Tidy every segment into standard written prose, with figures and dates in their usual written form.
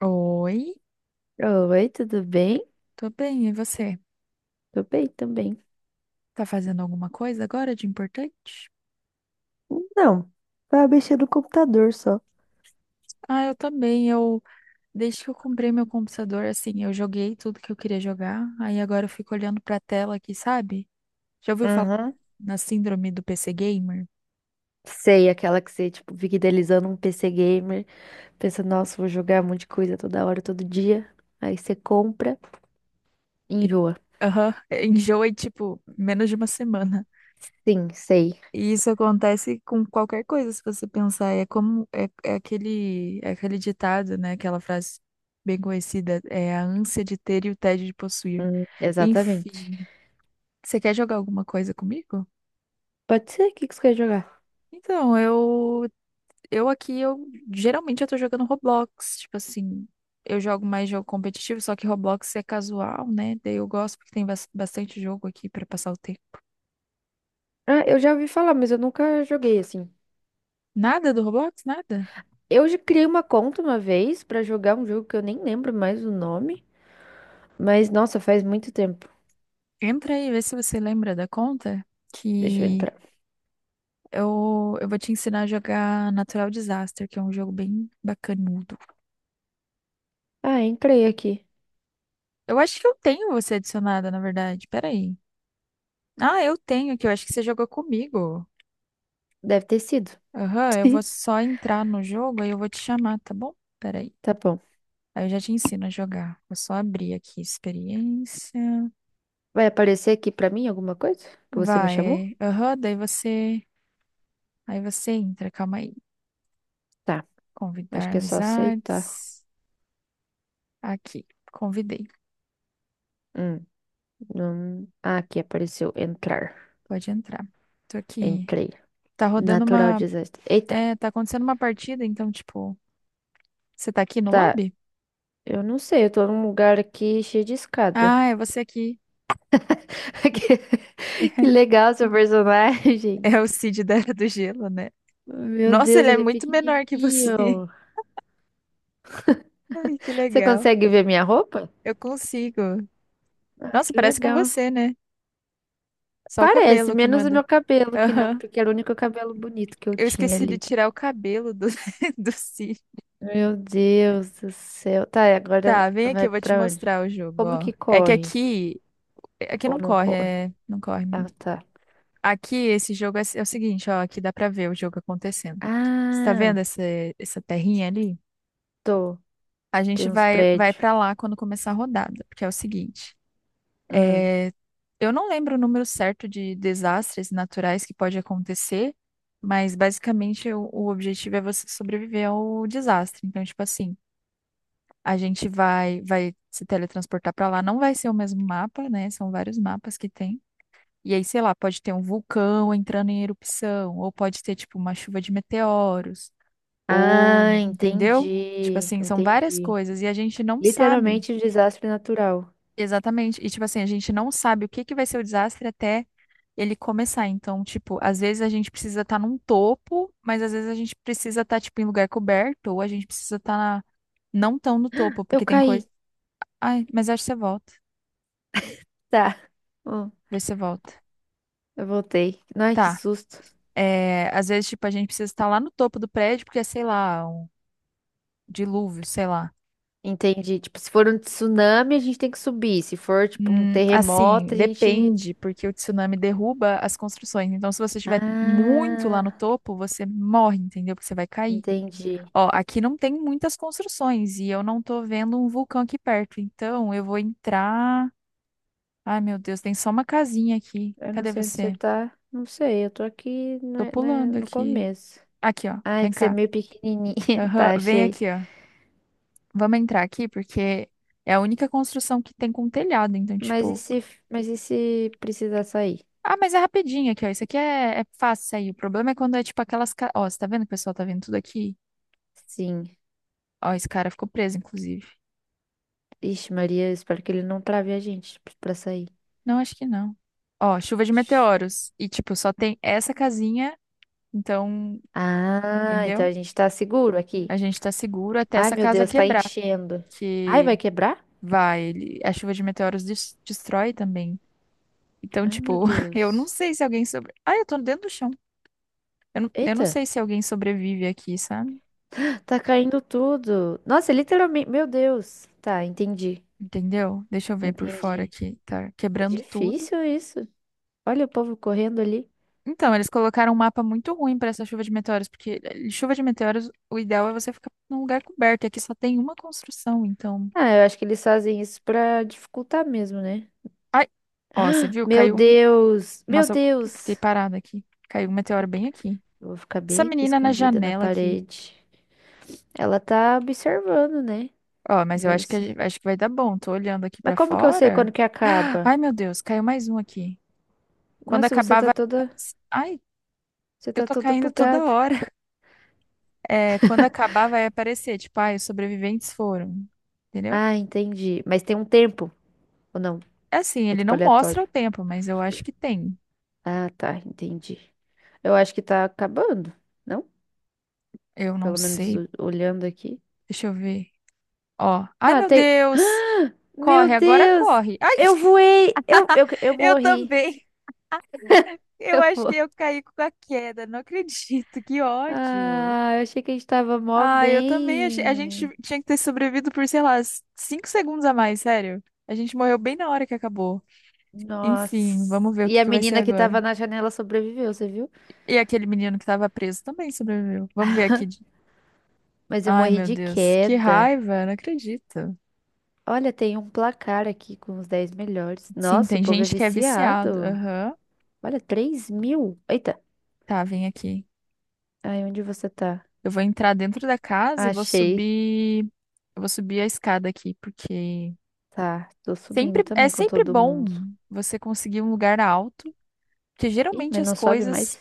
Oi, Oi, tudo bem? tô bem, e você? Tô bem também. Tá fazendo alguma coisa agora de importante? Não, vai mexer no computador só. Ah, eu também. Desde que eu comprei meu computador, assim, eu joguei tudo que eu queria jogar. Aí agora eu fico olhando pra tela aqui, sabe? Já ouviu falar Uhum. na síndrome do PC Gamer? Sei, aquela que você, tipo, fica idealizando um PC gamer, pensa, nossa, vou jogar um monte de coisa toda hora, todo dia. Aí você compra e E, enjoa. aham, enjoa em, tipo, menos de uma semana. Sim, sei. E isso acontece com qualquer coisa, se você pensar. É como, é, é aquele ditado, né? Aquela frase bem conhecida, é a ânsia de ter e o tédio de possuir. Exatamente. Enfim. Você quer jogar alguma coisa comigo? Pode ser? O que que você quer jogar? Então, eu aqui eu geralmente eu tô jogando Roblox, tipo assim, eu jogo mais jogo competitivo, só que Roblox é casual, né? Daí eu gosto porque tem bastante jogo aqui pra passar o tempo. Ah, eu já ouvi falar, mas eu nunca joguei assim. Nada do Roblox, nada. Eu já criei uma conta uma vez pra jogar um jogo que eu nem lembro mais o nome. Mas, nossa, faz muito tempo. Entra aí, vê se você lembra da conta Deixa eu que entrar. eu vou te ensinar a jogar Natural Disaster, que é um jogo bem bacanudo. Ah, entrei aqui. Eu acho que eu tenho você adicionada, na verdade. Pera aí. Ah, eu tenho aqui, eu acho que você jogou comigo. Deve ter sido. Aham, eu vou só entrar no jogo aí eu vou te chamar, tá bom? Peraí. Tá bom. Aí eu já te ensino a jogar. Vou só abrir aqui experiência. Vai aparecer aqui pra mim alguma coisa que você me chamou? Vai. É, aham, daí você. Aí você entra, calma aí. Tá. Acho Convidar que é só aceitar. amizades. Aqui, convidei. Hum, não... Ah, aqui apareceu entrar. Pode entrar. Tô aqui. Entrei. Tá rodando Natural uma. disaster. Eita. É, tá acontecendo uma partida, então, tipo, você tá aqui no Tá. lobby? Eu não sei. Eu tô num lugar aqui cheio de escada. Ah, é você aqui. Que legal seu personagem. É o Cid da Era do Gelo, né? Meu Nossa, Deus, ele é ele é muito menor que você. pequenininho. Ai, que Você legal. consegue ver minha roupa? Eu consigo. Ah, Nossa, que parece com legal. você, né? Só o Parece, cabelo que não menos é o da. meu cabelo, que não, Aham. porque era o único cabelo bonito que eu Eu tinha esqueci de ali. tirar o cabelo do, do cílio. Meu Deus do céu. Tá, e agora Tá, vem aqui, vai eu vou te pra onde? mostrar o jogo, Como ó. que É que corre? aqui. Aqui Ou não não corre, corre? é. Não corre mesmo. Ah, tá. Aqui, esse jogo é o seguinte, ó. Aqui dá pra ver o jogo acontecendo. Você tá vendo Ah, essa terrinha ali? tô. A gente Tem uns vai prédios. pra lá quando começar a rodada, porque é o seguinte. Hum. É, eu não lembro o número certo de desastres naturais que pode acontecer, mas basicamente o objetivo é você sobreviver ao desastre. Então, tipo assim, a gente vai se teletransportar para lá, não vai ser o mesmo mapa, né? São vários mapas que tem. E aí, sei lá, pode ter um vulcão entrando em erupção, ou pode ter, tipo, uma chuva de meteoros, ou, Ah, entendeu? Tipo entendi. assim, são várias Entendi. coisas e a gente não sabe. Literalmente um desastre natural. Exatamente. E, tipo assim, a gente não sabe o que que vai ser o desastre até ele começar. Então, tipo, às vezes a gente precisa estar num topo, mas às vezes a gente precisa estar, tipo, em lugar coberto, ou a gente precisa estar na não tão no topo, Eu porque tem coisa. caí. Ai, mas acho que você volta. Tá. Hum, Vê se você volta. eu voltei. Ai, que Tá. susto. É, às vezes, tipo, a gente precisa estar lá no topo do prédio, porque é, sei lá, um dilúvio, sei lá. Entendi. Tipo, se for um tsunami, a gente tem que subir. Se for, tipo, um Assim, terremoto, a gente. depende, porque o tsunami derruba as construções. Então, se você estiver muito lá no Ah, topo, você morre, entendeu? Porque você vai cair. entendi. Ó, aqui não tem muitas construções e eu não tô vendo um vulcão aqui perto. Então, eu vou entrar. Ai, meu Deus, tem só uma casinha aqui. Eu não Cadê sei onde você você? tá. Não sei, eu tô aqui no, Tô né, pulando no aqui. começo. Aqui, ó. Ah, é Vem que você é cá. meio pequenininha. Aham, Tá, vem achei. aqui, ó. Vamos entrar aqui porque é a única construção que tem com telhado. Então, Mas e tipo. se, mas e se precisar sair? Ah, mas é rapidinho aqui, ó. Isso aqui é, é fácil sair. O problema é quando é tipo aquelas. Ó, você tá vendo que o pessoal tá vendo tudo aqui? Sim. Ó, esse cara ficou preso, inclusive. Ixi, Maria, eu espero que ele não trave a gente pra sair. Não, acho que não. Ó, chuva de Ixi. meteoros. E, tipo, só tem essa casinha. Então, Ah, então a entendeu? gente tá seguro aqui. A gente tá seguro até Ai, essa meu casa Deus, tá quebrar, enchendo. Ai, vai porque quebrar? A chuva de meteoros destrói também. Então, Ai, meu tipo, eu não Deus. sei se alguém ah, eu tô dentro do chão. Eu não Eita, sei se alguém sobrevive aqui, sabe? tá caindo tudo. Nossa, literalmente, meu Deus. Tá, entendi. Entendeu? Deixa eu ver por fora Entendi. aqui. Tá É quebrando tudo. difícil isso. Olha o povo correndo ali. Então, eles colocaram um mapa muito ruim pra essa chuva de meteoros, porque eh, chuva de meteoros, o ideal é você ficar num lugar coberto, e aqui só tem uma construção, então. Ah, eu acho que eles fazem isso pra dificultar mesmo, né? Ai, ó, você viu? Meu Caiu um Deus! Meu Nossa, eu fiquei Deus! parada aqui. Caiu um meteoro bem aqui. Eu vou ficar Essa bem aqui menina na escondida na janela aqui. parede. Ela tá observando, né? Ó, mas eu Deve acho que ser. Vai dar bom. Tô olhando aqui Mas pra como que eu sei quando fora. que acaba? Ai, meu Deus, caiu mais um aqui. Quando Nossa, você acabar, tá vai. toda. Ai, Você eu tá tô toda caindo toda bugada. hora. É, quando acabar, vai aparecer. Tipo, ai, os sobreviventes foram. Entendeu? Ah, entendi. Mas tem um tempo, ou não? É assim, É ele tipo não mostra aleatório. o tempo, mas eu acho que tem. Ah, tá, entendi. Eu acho que tá acabando, não? Eu não Pelo menos sei. Olhando aqui. Deixa eu ver. Ó. Ai, Ah, meu tem. Deus! Meu Corre, agora Deus! corre. Ai, Eu voei! Eu eu morri. também. Eu Eu acho que morri. eu caí com a queda, não acredito, que ódio. Ah, eu achei que a gente tava mó Ah, eu também achei. A gente bem. tinha que ter sobrevivido por, sei lá, 5 segundos a mais, sério. A gente morreu bem na hora que acabou. Enfim, Nossa. vamos ver o E que a que vai ser menina que agora. tava na janela sobreviveu, você viu? E aquele menino que tava preso também sobreviveu. Vamos ver aqui. Mas eu Ai, morri meu de Deus, que queda. raiva, não acredito. Olha, tem um placar aqui com os 10 melhores. Sim, Nossa, o tem povo é gente que é viciado. viciado. Aham. Olha, 3.000. Eita. Tá, vem aqui. Ai, onde você tá? Eu vou entrar dentro da casa e vou Achei. subir. Eu vou subir a escada aqui, porque Tá, tô subindo sempre, é também com sempre todo bom mundo. você conseguir um lugar alto, porque Ih, geralmente mas as não sobe mais. coisas,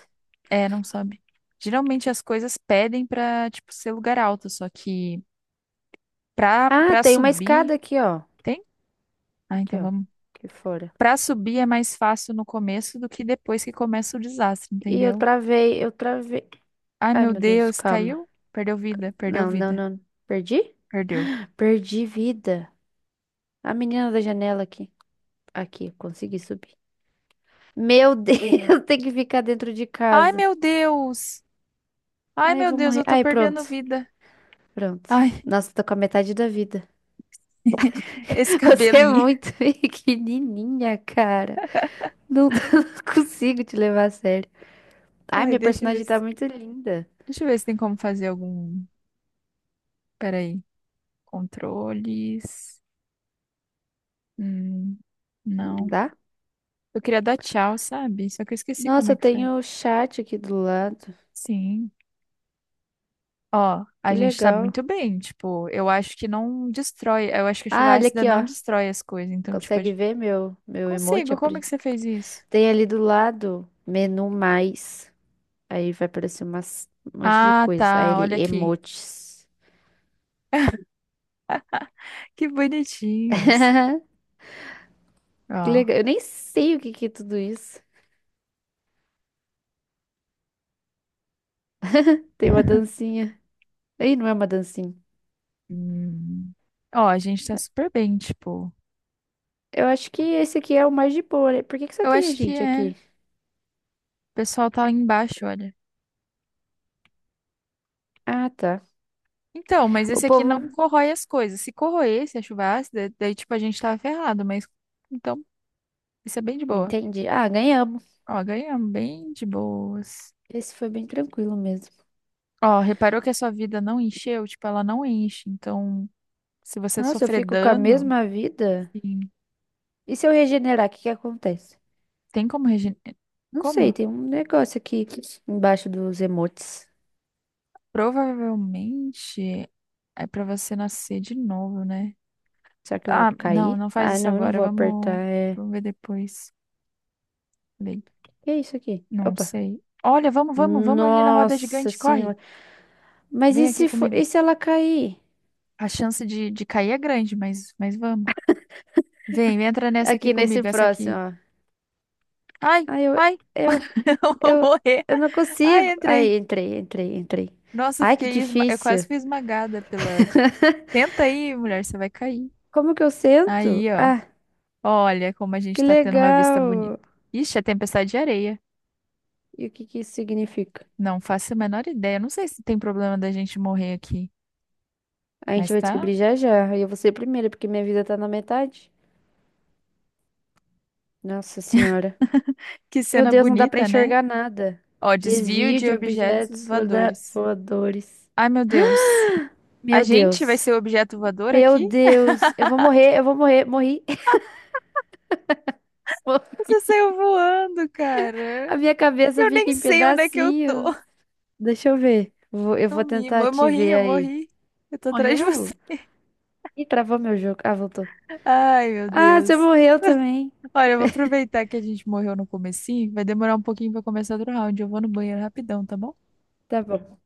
é, não sabe. Geralmente as coisas pedem pra, tipo, ser lugar alto, só que pra, Ah, pra tem uma escada subir, aqui, ó. tem? Ah, Aqui, então ó. vamos. Aqui fora. Pra subir é mais fácil no começo do que depois que começa o desastre, entendeu? Eu travei. Ai, Ai, meu meu Deus, Deus, calma. caiu? Perdeu Não, não, vida, não. Perdi? perdeu. Perdi vida. A menina da janela aqui. Aqui, consegui subir. Meu Deus, tem que ficar dentro de Ai, casa. meu Deus! Ai, Ai, eu meu vou Deus, eu morrer. tô Ai, pronto. perdendo vida. Pronto. Ai, Nossa, tô com a metade da vida. esse Você é cabelinho. muito pequenininha, cara. Não, não consigo te levar a sério. Ai, Ai, minha personagem tá muito linda. deixa eu ver se tem como fazer algum Peraí. Controles. Hum, Não não. dá? Eu queria dar tchau, sabe? Só que eu esqueci como Nossa, é eu que faz. tenho o chat aqui do lado. Sim. Ó, a Que gente sabe legal. muito bem. Tipo, eu acho que não destrói. Eu acho que a Ah, chuva olha ácida aqui, não ó. destrói as coisas. Então, tipo, a Consegue gente ver meu emoji? consigo. Como é Apri? que você fez isso? Tem ali do lado menu mais. Aí vai aparecer umas, um monte de Ah, coisa. Aí tá. ele, Olha aqui. emojis. Que bonitinhos. Que Ó. legal. Eu nem sei o que que é tudo isso. Tem uma dancinha. Aí não é uma dancinha. Hum. Ó, a gente tá super bem, tipo. Eu acho que esse aqui é o mais de boa, né? Por que que só Eu tem a acho que gente é. O aqui? pessoal tá lá embaixo, olha. Ah, tá. Então, mas O esse aqui povo. não corrói as coisas. Se corroesse a chuva ácida, daí tipo a gente tava ferrado, mas então isso é bem de boa. Entendi. Ah, ganhamos. Ó, ganhamos bem de boas. Esse foi bem tranquilo mesmo. Ó, reparou que a sua vida não encheu? Tipo, ela não enche. Então, se você Nossa, eu sofrer fico com a dano, mesma vida? sim, E se eu regenerar, o que que acontece? tem como. Não sei, Como? tem um negócio aqui embaixo dos emotes. Provavelmente é pra você nascer de novo, né? Será que eu Ah, vou não, cair? não faz Ah, isso não, eu não agora. vou apertar. É... Vamos ver depois. Bem, Que é isso aqui? não Opa. sei. Olha, vamos ali na roda Nossa gigante, corre. senhora. Mas Vem e aqui se for... comigo. e se ela cair? A chance de cair é grande, mas vamos. Vem, entra nessa aqui Aqui nesse comigo, essa próximo, aqui. ó. Ai, Ai, ai, eu, eu vou eu, morrer. eu não Ai, consigo. entrei. Aí, entrei, entrei, entrei. Nossa, Ai, que eu quase difícil. fui esmagada pela. Tenta aí, mulher, você vai cair. Como que eu sento? Aí, ó. Ah, Olha como a gente que tá tendo uma vista legal. bonita. Ixi, é tempestade de areia. E o que que isso significa? Não faço a menor ideia. Não sei se tem problema da gente morrer aqui, A gente mas vai tá. descobrir já já. E eu vou ser a primeira, porque minha vida tá na metade. Nossa senhora. Que Meu cena Deus, não dá pra bonita, né? enxergar nada. Ó, desvio Desvio de de objetos objetos voadores. voadores. Ai, meu Deus. A Meu gente vai Deus. ser o objeto voador Meu aqui? Deus. Eu vou morrer, eu vou morrer. Morri. Você saiu voando, cara. A minha cabeça Eu fica nem em sei onde é que eu tô. pedacinhos. Deixa eu ver. Eu vou Sumi, tentar eu te morri, ver eu aí. morri. Eu tô atrás de Morreu? você. Ih, travou meu jogo. Ah, voltou. Ai, meu Ah, você Deus. morreu também. Olha, eu vou aproveitar que a gente morreu no comecinho. Vai demorar um pouquinho pra começar outro round. Eu vou no banheiro rapidão, tá bom? Tá bom.